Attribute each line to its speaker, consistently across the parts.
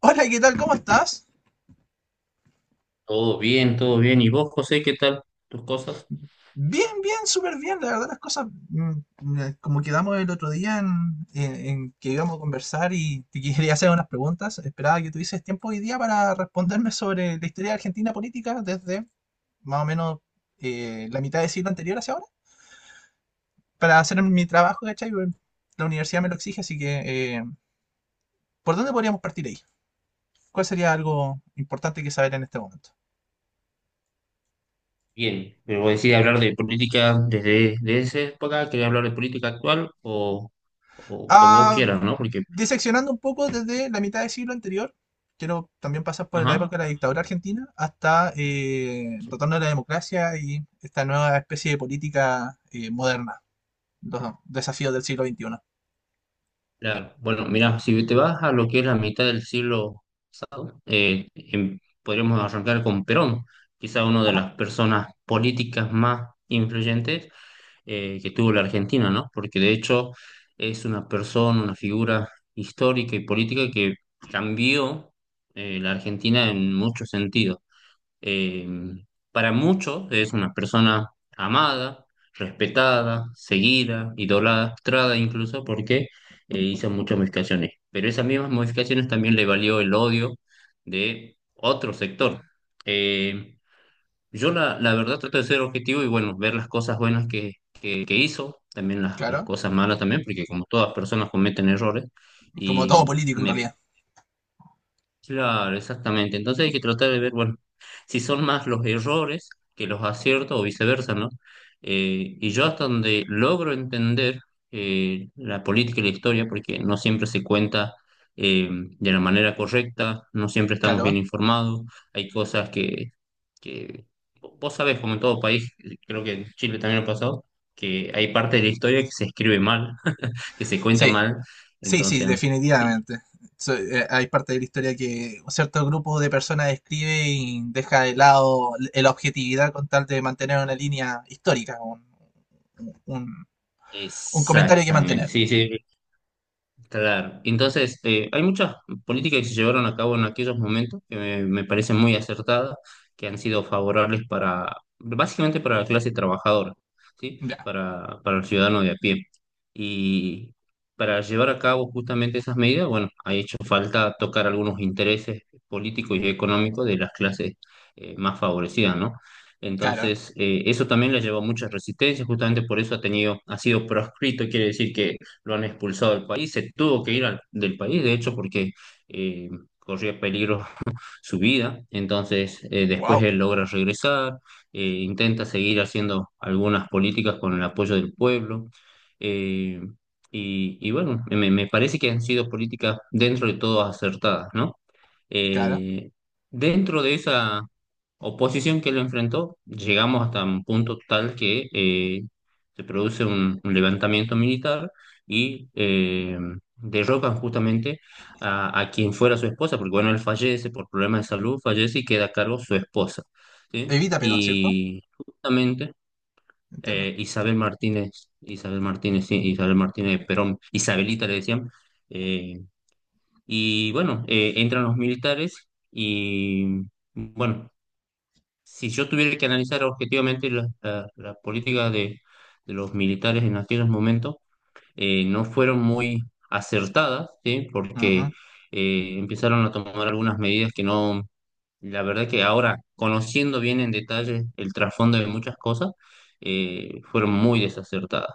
Speaker 1: Hola, ¿qué tal? ¿Cómo estás?
Speaker 2: Todo bien, todo bien. ¿Y vos, José, qué tal tus cosas?
Speaker 1: Bien, bien, súper bien. La verdad, las cosas, como quedamos el otro día en que íbamos a conversar y te quería hacer unas preguntas, esperaba que tuvieses tiempo hoy día para responderme sobre la historia de Argentina política desde más o menos la mitad del siglo anterior hacia ahora, para hacer mi trabajo, ¿cachai? Bueno, la universidad me lo exige, así que ¿por dónde podríamos partir ahí? ¿Cuál sería algo importante que saber en este momento?
Speaker 2: Bien, pero decir hablar de política desde, de esa época, quería hablar de política actual o como vos
Speaker 1: Ah,
Speaker 2: quieras, ¿no? Porque,
Speaker 1: diseccionando un poco desde la mitad del siglo anterior, quiero también pasar por la
Speaker 2: ajá,
Speaker 1: época de la dictadura argentina hasta el
Speaker 2: sí,
Speaker 1: retorno de la democracia y esta nueva especie de política moderna, los desafíos del siglo XXI.
Speaker 2: claro. Bueno, mira, si te vas a lo que es la mitad del siglo, podríamos arrancar con Perón, quizá una de
Speaker 1: Ajá,
Speaker 2: las personas políticas más influyentes que tuvo la Argentina, ¿no? Porque de hecho es una persona, una figura histórica y política que cambió la Argentina en muchos sentidos. Eh, para muchos es una persona amada, respetada, seguida, idolatrada incluso porque hizo muchas modificaciones. Pero esas mismas modificaciones también le valió el odio de otro sector. Eh, yo la verdad trato de ser objetivo y bueno, ver las cosas buenas que hizo, también las
Speaker 1: claro,
Speaker 2: cosas malas también, porque como todas personas cometen errores
Speaker 1: como todo
Speaker 2: y
Speaker 1: político en
Speaker 2: me...
Speaker 1: realidad,
Speaker 2: Claro, exactamente. Entonces hay que tratar de ver, bueno, si son más los errores que los aciertos o viceversa, ¿no? Y yo hasta donde logro entender la política y la historia, porque no siempre se cuenta de la manera correcta, no siempre estamos bien
Speaker 1: claro.
Speaker 2: informados, hay cosas que vos sabés, como en todo país, creo que en Chile también lo ha pasado, que hay parte de la historia que se escribe mal, que se cuenta
Speaker 1: Sí,
Speaker 2: mal.
Speaker 1: sí, sí,
Speaker 2: Entonces,
Speaker 1: definitivamente. Hay parte de la historia que un cierto grupo de personas escribe y deja de lado la objetividad con tal de mantener una línea histórica, un, un comentario que
Speaker 2: exactamente.
Speaker 1: mantener.
Speaker 2: Sí, sí, claro, entonces hay muchas políticas que se llevaron a cabo en aquellos momentos que me parecen muy acertadas, que han sido favorables para, básicamente para la clase trabajadora, ¿sí?
Speaker 1: Ya,
Speaker 2: Para el ciudadano de a pie. Y para llevar a cabo justamente esas medidas, bueno, ha hecho falta tocar algunos intereses políticos y económicos de las clases más favorecidas, ¿no?
Speaker 1: claro.
Speaker 2: Entonces, eso también le llevó a muchas resistencias, justamente por eso ha tenido, ha sido proscrito, quiere decir que lo han expulsado del país, se tuvo que ir del país, de hecho, porque eh, corría peligro su vida. Entonces, después
Speaker 1: Wow,
Speaker 2: él logra regresar, intenta seguir haciendo algunas políticas con el apoyo del pueblo. eh, y, y bueno, me parece que han sido políticas dentro de todo acertadas, ¿no?
Speaker 1: claro.
Speaker 2: Eh, Dentro de esa oposición que lo enfrentó, llegamos hasta un punto tal que se produce un levantamiento militar y derrocan justamente a quien fuera su esposa, porque bueno, él fallece por problemas de salud, fallece y queda a cargo su esposa, ¿sí?
Speaker 1: Evita Perón, ¿cierto?
Speaker 2: Y justamente
Speaker 1: Entiendo.
Speaker 2: Isabel Martínez, Isabel Martínez, sí, Isabel Martínez de Perón, Isabelita le decían, eh, y bueno, entran los militares y bueno, si yo tuviera que analizar objetivamente la política de los militares en aquellos momentos, no fueron muy acertadas, ¿sí? Porque
Speaker 1: Ujú.
Speaker 2: empezaron a tomar algunas medidas que no, la verdad que ahora, conociendo bien en detalle el trasfondo de muchas cosas, fueron muy desacertadas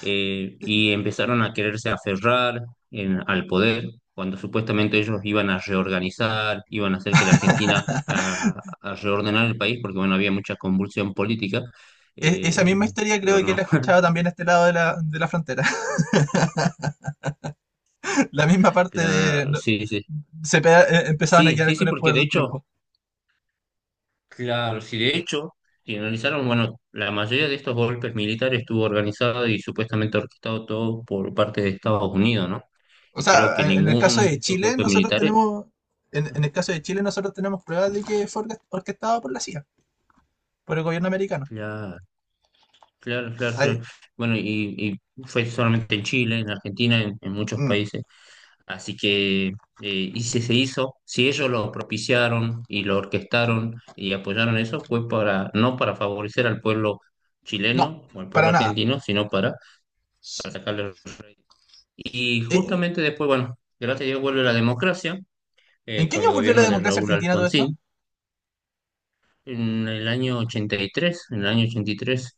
Speaker 2: y empezaron a quererse aferrar al poder cuando supuestamente ellos iban a reorganizar, iban a hacer que la Argentina a reordenar el país, porque bueno, había mucha convulsión política,
Speaker 1: Esa
Speaker 2: eh,
Speaker 1: misma historia
Speaker 2: pero
Speaker 1: creo que la
Speaker 2: no.
Speaker 1: he escuchado también a este lado de la frontera. La misma parte de, no-
Speaker 2: Sí, sí,
Speaker 1: Se empezaban a
Speaker 2: sí,
Speaker 1: quedar
Speaker 2: sí, sí,
Speaker 1: con el
Speaker 2: porque
Speaker 1: poder de
Speaker 2: de
Speaker 1: un
Speaker 2: hecho,
Speaker 1: tiempo.
Speaker 2: claro, sí, de hecho, si analizaron, bueno, la mayoría de estos golpes militares estuvo organizado y supuestamente orquestado todo por parte de Estados Unidos, ¿no?
Speaker 1: O
Speaker 2: Y creo que
Speaker 1: sea, en el caso
Speaker 2: ningún de
Speaker 1: de
Speaker 2: estos
Speaker 1: Chile,
Speaker 2: golpes
Speaker 1: nosotros
Speaker 2: militares,
Speaker 1: tenemos. En el caso de Chile, nosotros tenemos pruebas de que fue orquestado por la CIA, por el gobierno americano.
Speaker 2: claro, claro, claro, claro.
Speaker 1: Ay,
Speaker 2: Bueno, y fue solamente en Chile, en Argentina, en muchos
Speaker 1: mm,
Speaker 2: países. Así que, y si se hizo, si ellos lo propiciaron y lo orquestaron y apoyaron eso, fue para, no para favorecer al pueblo
Speaker 1: no,
Speaker 2: chileno o al pueblo
Speaker 1: para nada.
Speaker 2: argentino, sino para
Speaker 1: S-
Speaker 2: sacarle los réditos. Y
Speaker 1: eh,
Speaker 2: justamente después, bueno, gracias a Dios vuelve la democracia
Speaker 1: ¿En qué
Speaker 2: con el
Speaker 1: año volvió la
Speaker 2: gobierno de
Speaker 1: democracia
Speaker 2: Raúl
Speaker 1: argentina todo esto?
Speaker 2: Alfonsín. En el año 83, en el año 83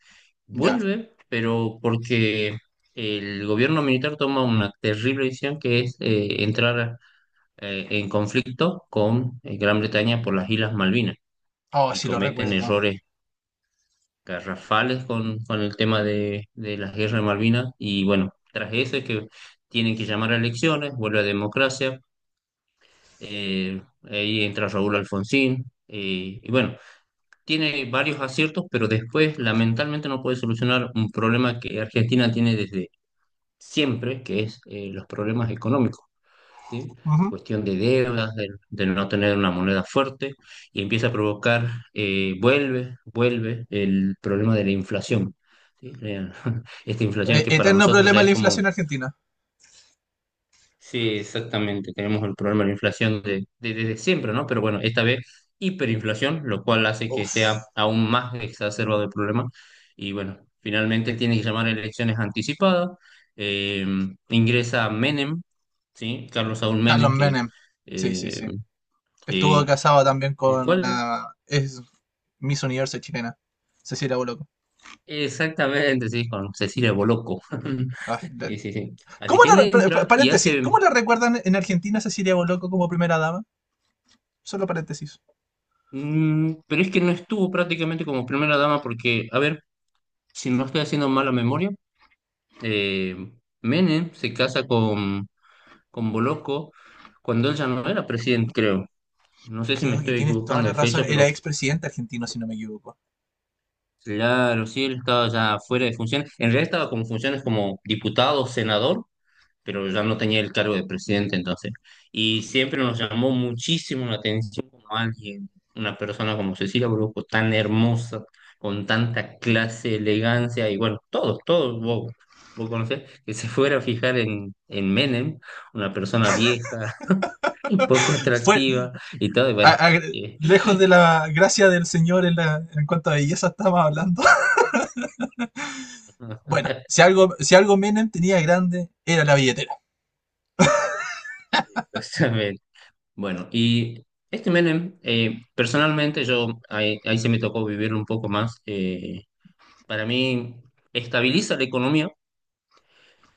Speaker 1: Ya.
Speaker 2: vuelve, pero porque el gobierno militar toma una terrible decisión que es entrar en conflicto con Gran Bretaña por las Islas Malvinas
Speaker 1: Oh,
Speaker 2: y
Speaker 1: sí lo
Speaker 2: cometen
Speaker 1: recuerdo.
Speaker 2: errores garrafales con el tema de la guerra de Malvinas y bueno, tras eso es que tienen que llamar a elecciones, vuelve a democracia, ahí entra Raúl Alfonsín y bueno, tiene varios aciertos, pero después lamentablemente no puede solucionar un problema que Argentina tiene desde siempre, que es los problemas económicos, ¿sí?
Speaker 1: Ujú.
Speaker 2: Cuestión de deudas, de no tener una moneda fuerte, y empieza a provocar, vuelve, vuelve el problema de la inflación. ¿Sí? Esta inflación que para
Speaker 1: Eterno
Speaker 2: nosotros ya
Speaker 1: problema de la
Speaker 2: es
Speaker 1: inflación
Speaker 2: como
Speaker 1: argentina.
Speaker 2: sí, exactamente. Tenemos el problema de la inflación de, desde siempre, ¿no? Pero bueno, esta vez hiperinflación, lo cual hace que sea
Speaker 1: Uf.
Speaker 2: aún más exacerbado el problema. Y bueno, finalmente tiene que llamar a elecciones anticipadas. Eh, Ingresa Menem, ¿sí? Carlos Saúl
Speaker 1: Carlos
Speaker 2: Menem, que,
Speaker 1: Menem. Sí, sí,
Speaker 2: eh,
Speaker 1: sí. Estuvo
Speaker 2: que-
Speaker 1: casado también
Speaker 2: el
Speaker 1: con
Speaker 2: cual
Speaker 1: una, es Miss Universo chilena. Cecilia Boloco.
Speaker 2: exactamente, sí, con Cecilia Boloco.
Speaker 1: Ah, la-
Speaker 2: Sí, sí, sí. Así
Speaker 1: ¿Cómo
Speaker 2: que él
Speaker 1: la... re- pa- pa-
Speaker 2: entra y
Speaker 1: Paréntesis.
Speaker 2: hace...
Speaker 1: ¿Cómo la recuerdan en Argentina a Cecilia Boloco como primera dama? Solo paréntesis.
Speaker 2: Mm, pero es que no estuvo prácticamente como primera dama porque, a ver. Si no estoy haciendo mala memoria, eh, Menem se casa con Bolocco cuando él ya no era presidente, creo. No sé si me
Speaker 1: Creo que
Speaker 2: estoy
Speaker 1: tienes toda
Speaker 2: equivocando
Speaker 1: la
Speaker 2: de
Speaker 1: razón.
Speaker 2: fecha,
Speaker 1: Era
Speaker 2: pero
Speaker 1: expresidente argentino, si no me equivoco.
Speaker 2: claro, sí, él estaba ya fuera de funciones. En realidad estaba con funciones como diputado, senador, pero ya no tenía el cargo de presidente entonces. Y siempre nos llamó muchísimo la atención como alguien, una persona como Cecilia Brusco, tan hermosa, con tanta clase, elegancia, y bueno, todos, todos, vos, vos conocés, que se fuera a fijar en Menem, una persona vieja, un poco
Speaker 1: Fue...
Speaker 2: atractiva y todo, y bueno.
Speaker 1: a- a-
Speaker 2: eh,
Speaker 1: Lejos de la gracia del señor en cuanto a belleza estaba hablando. Bueno, si algo, si algo Menem tenía grande, era la billetera.
Speaker 2: Exactamente. Bueno, y este Menem, personalmente yo, ahí se me tocó vivir un poco más, para mí estabiliza la economía,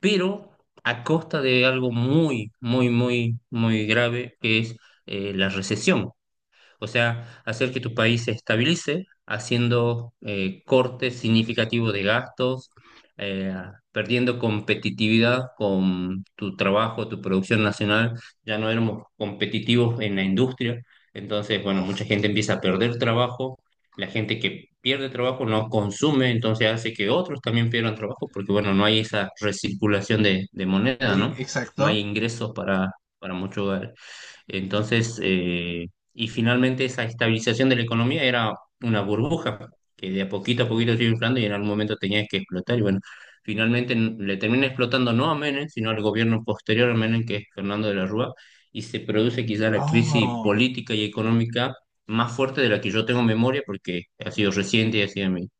Speaker 2: pero a costa de algo muy grave, que es la recesión. O sea, hacer que tu país se estabilice haciendo cortes significativos de gastos, eh, perdiendo competitividad con tu trabajo, tu producción nacional. Ya no éramos competitivos en la industria. Entonces, bueno,
Speaker 1: Oh,
Speaker 2: mucha gente empieza a perder trabajo. La gente que pierde trabajo no consume, entonces hace que otros también pierdan trabajo, porque bueno, no hay esa recirculación de moneda, ¿no? No hay
Speaker 1: exacto.
Speaker 2: ingresos para muchos hogares. Entonces, y finalmente esa estabilización de la economía era una burbuja que de a poquito se iba inflando y en algún momento tenía que explotar. Y bueno, finalmente le termina explotando no a Menem, sino al gobierno posterior a Menem, que es Fernando de la Rúa, y se produce quizá la crisis
Speaker 1: Oh,
Speaker 2: política y económica más fuerte de la que yo tengo memoria, porque ha sido reciente y ha sido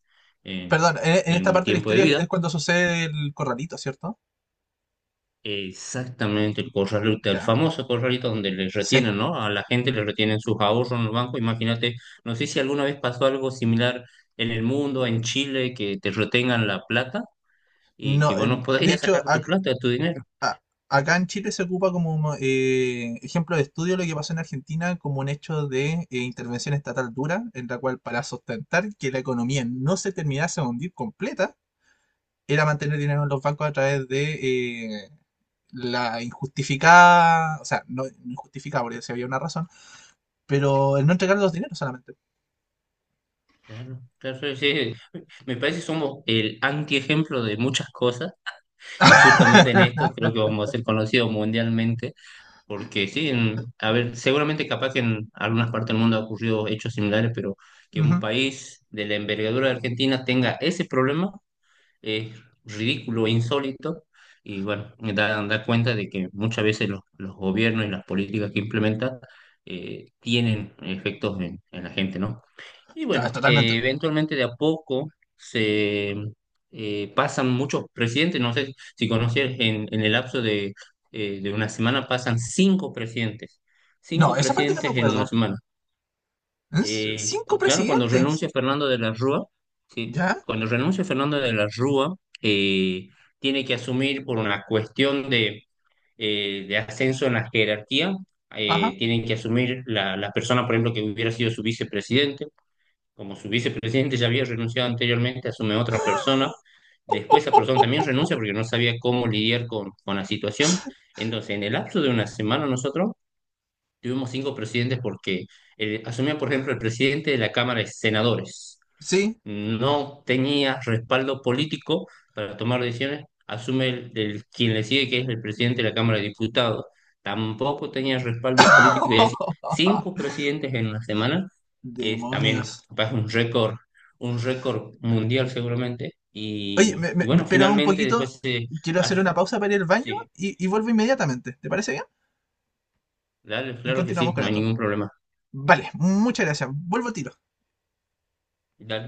Speaker 2: en
Speaker 1: perdón, en esta
Speaker 2: en mi
Speaker 1: parte de la
Speaker 2: tiempo de
Speaker 1: historia
Speaker 2: vida.
Speaker 1: es cuando sucede el corralito, ¿cierto?
Speaker 2: Exactamente, el corralito, el
Speaker 1: Ya.
Speaker 2: famoso corralito donde les
Speaker 1: Sí.
Speaker 2: retienen, ¿no? A la gente le retienen sus ahorros en los bancos. Imagínate, no sé si alguna vez pasó algo similar en el mundo, en Chile, que te retengan la plata y que
Speaker 1: No,
Speaker 2: vos no
Speaker 1: de
Speaker 2: podías sacar
Speaker 1: hecho,
Speaker 2: tu plata, tu dinero.
Speaker 1: a- acá en Chile se ocupa como ejemplo de estudio lo que pasó en Argentina como un hecho de intervención estatal dura, en la cual para sustentar que la economía no se terminase de hundir completa, era mantener dinero en los bancos a través de la injustificada, o sea, no injustificada porque si había una razón, pero el no entregar los dineros solamente.
Speaker 2: Claro, claro, sí. Me parece que somos el antiejemplo de muchas cosas y justamente en esto creo que vamos a ser conocidos mundialmente. Porque sí, a ver, seguramente capaz que en algunas partes del mundo ha ocurrido hechos similares, pero que un
Speaker 1: Ujú.
Speaker 2: país de la envergadura de Argentina tenga ese problema es ridículo e insólito, y bueno, da, da cuenta de que muchas veces los gobiernos y las políticas que implementan tienen efectos en la gente, ¿no? Y bueno,
Speaker 1: Totalmente.
Speaker 2: eventualmente de a poco se pasan muchos presidentes, no sé si conocías, en el lapso de una semana pasan cinco
Speaker 1: No, esa parte no me
Speaker 2: presidentes en una
Speaker 1: acuerdo.
Speaker 2: semana.
Speaker 1: ¿Es? Cinco
Speaker 2: Claro, cuando
Speaker 1: presidentes.
Speaker 2: renuncia Fernando de la Rúa, sí,
Speaker 1: ¿Ya?
Speaker 2: cuando renuncia Fernando de la Rúa, eh, tiene que asumir por una cuestión de ascenso en la jerarquía,
Speaker 1: Ajá.
Speaker 2: tienen que asumir la persona, por ejemplo, que hubiera sido su vicepresidente como su vicepresidente ya había renunciado anteriormente, asume otra persona. Después esa persona también renuncia porque no sabía cómo lidiar con la situación. Entonces, en el lapso de una semana nosotros tuvimos cinco presidentes porque asumía, por ejemplo, el presidente de la Cámara de Senadores
Speaker 1: Sí.
Speaker 2: no tenía respaldo político para tomar decisiones, asume quien le sigue, que es el presidente de la Cámara de Diputados. Tampoco tenía respaldo político, y así, cinco presidentes en una semana, es
Speaker 1: Demonios.
Speaker 2: también capaz un récord mundial seguramente.
Speaker 1: Oye, me,
Speaker 2: Y
Speaker 1: me, me
Speaker 2: bueno,
Speaker 1: esperaba un
Speaker 2: finalmente
Speaker 1: poquito.
Speaker 2: después se...
Speaker 1: Quiero hacer
Speaker 2: as-
Speaker 1: una pausa para ir al baño
Speaker 2: Sí,
Speaker 1: y vuelvo inmediatamente. ¿Te parece bien?
Speaker 2: dale,
Speaker 1: Y
Speaker 2: claro que
Speaker 1: continuamos
Speaker 2: sí,
Speaker 1: con
Speaker 2: no hay
Speaker 1: esto.
Speaker 2: ningún problema.
Speaker 1: Vale, muchas gracias. Vuelvo al tiro.
Speaker 2: Dale.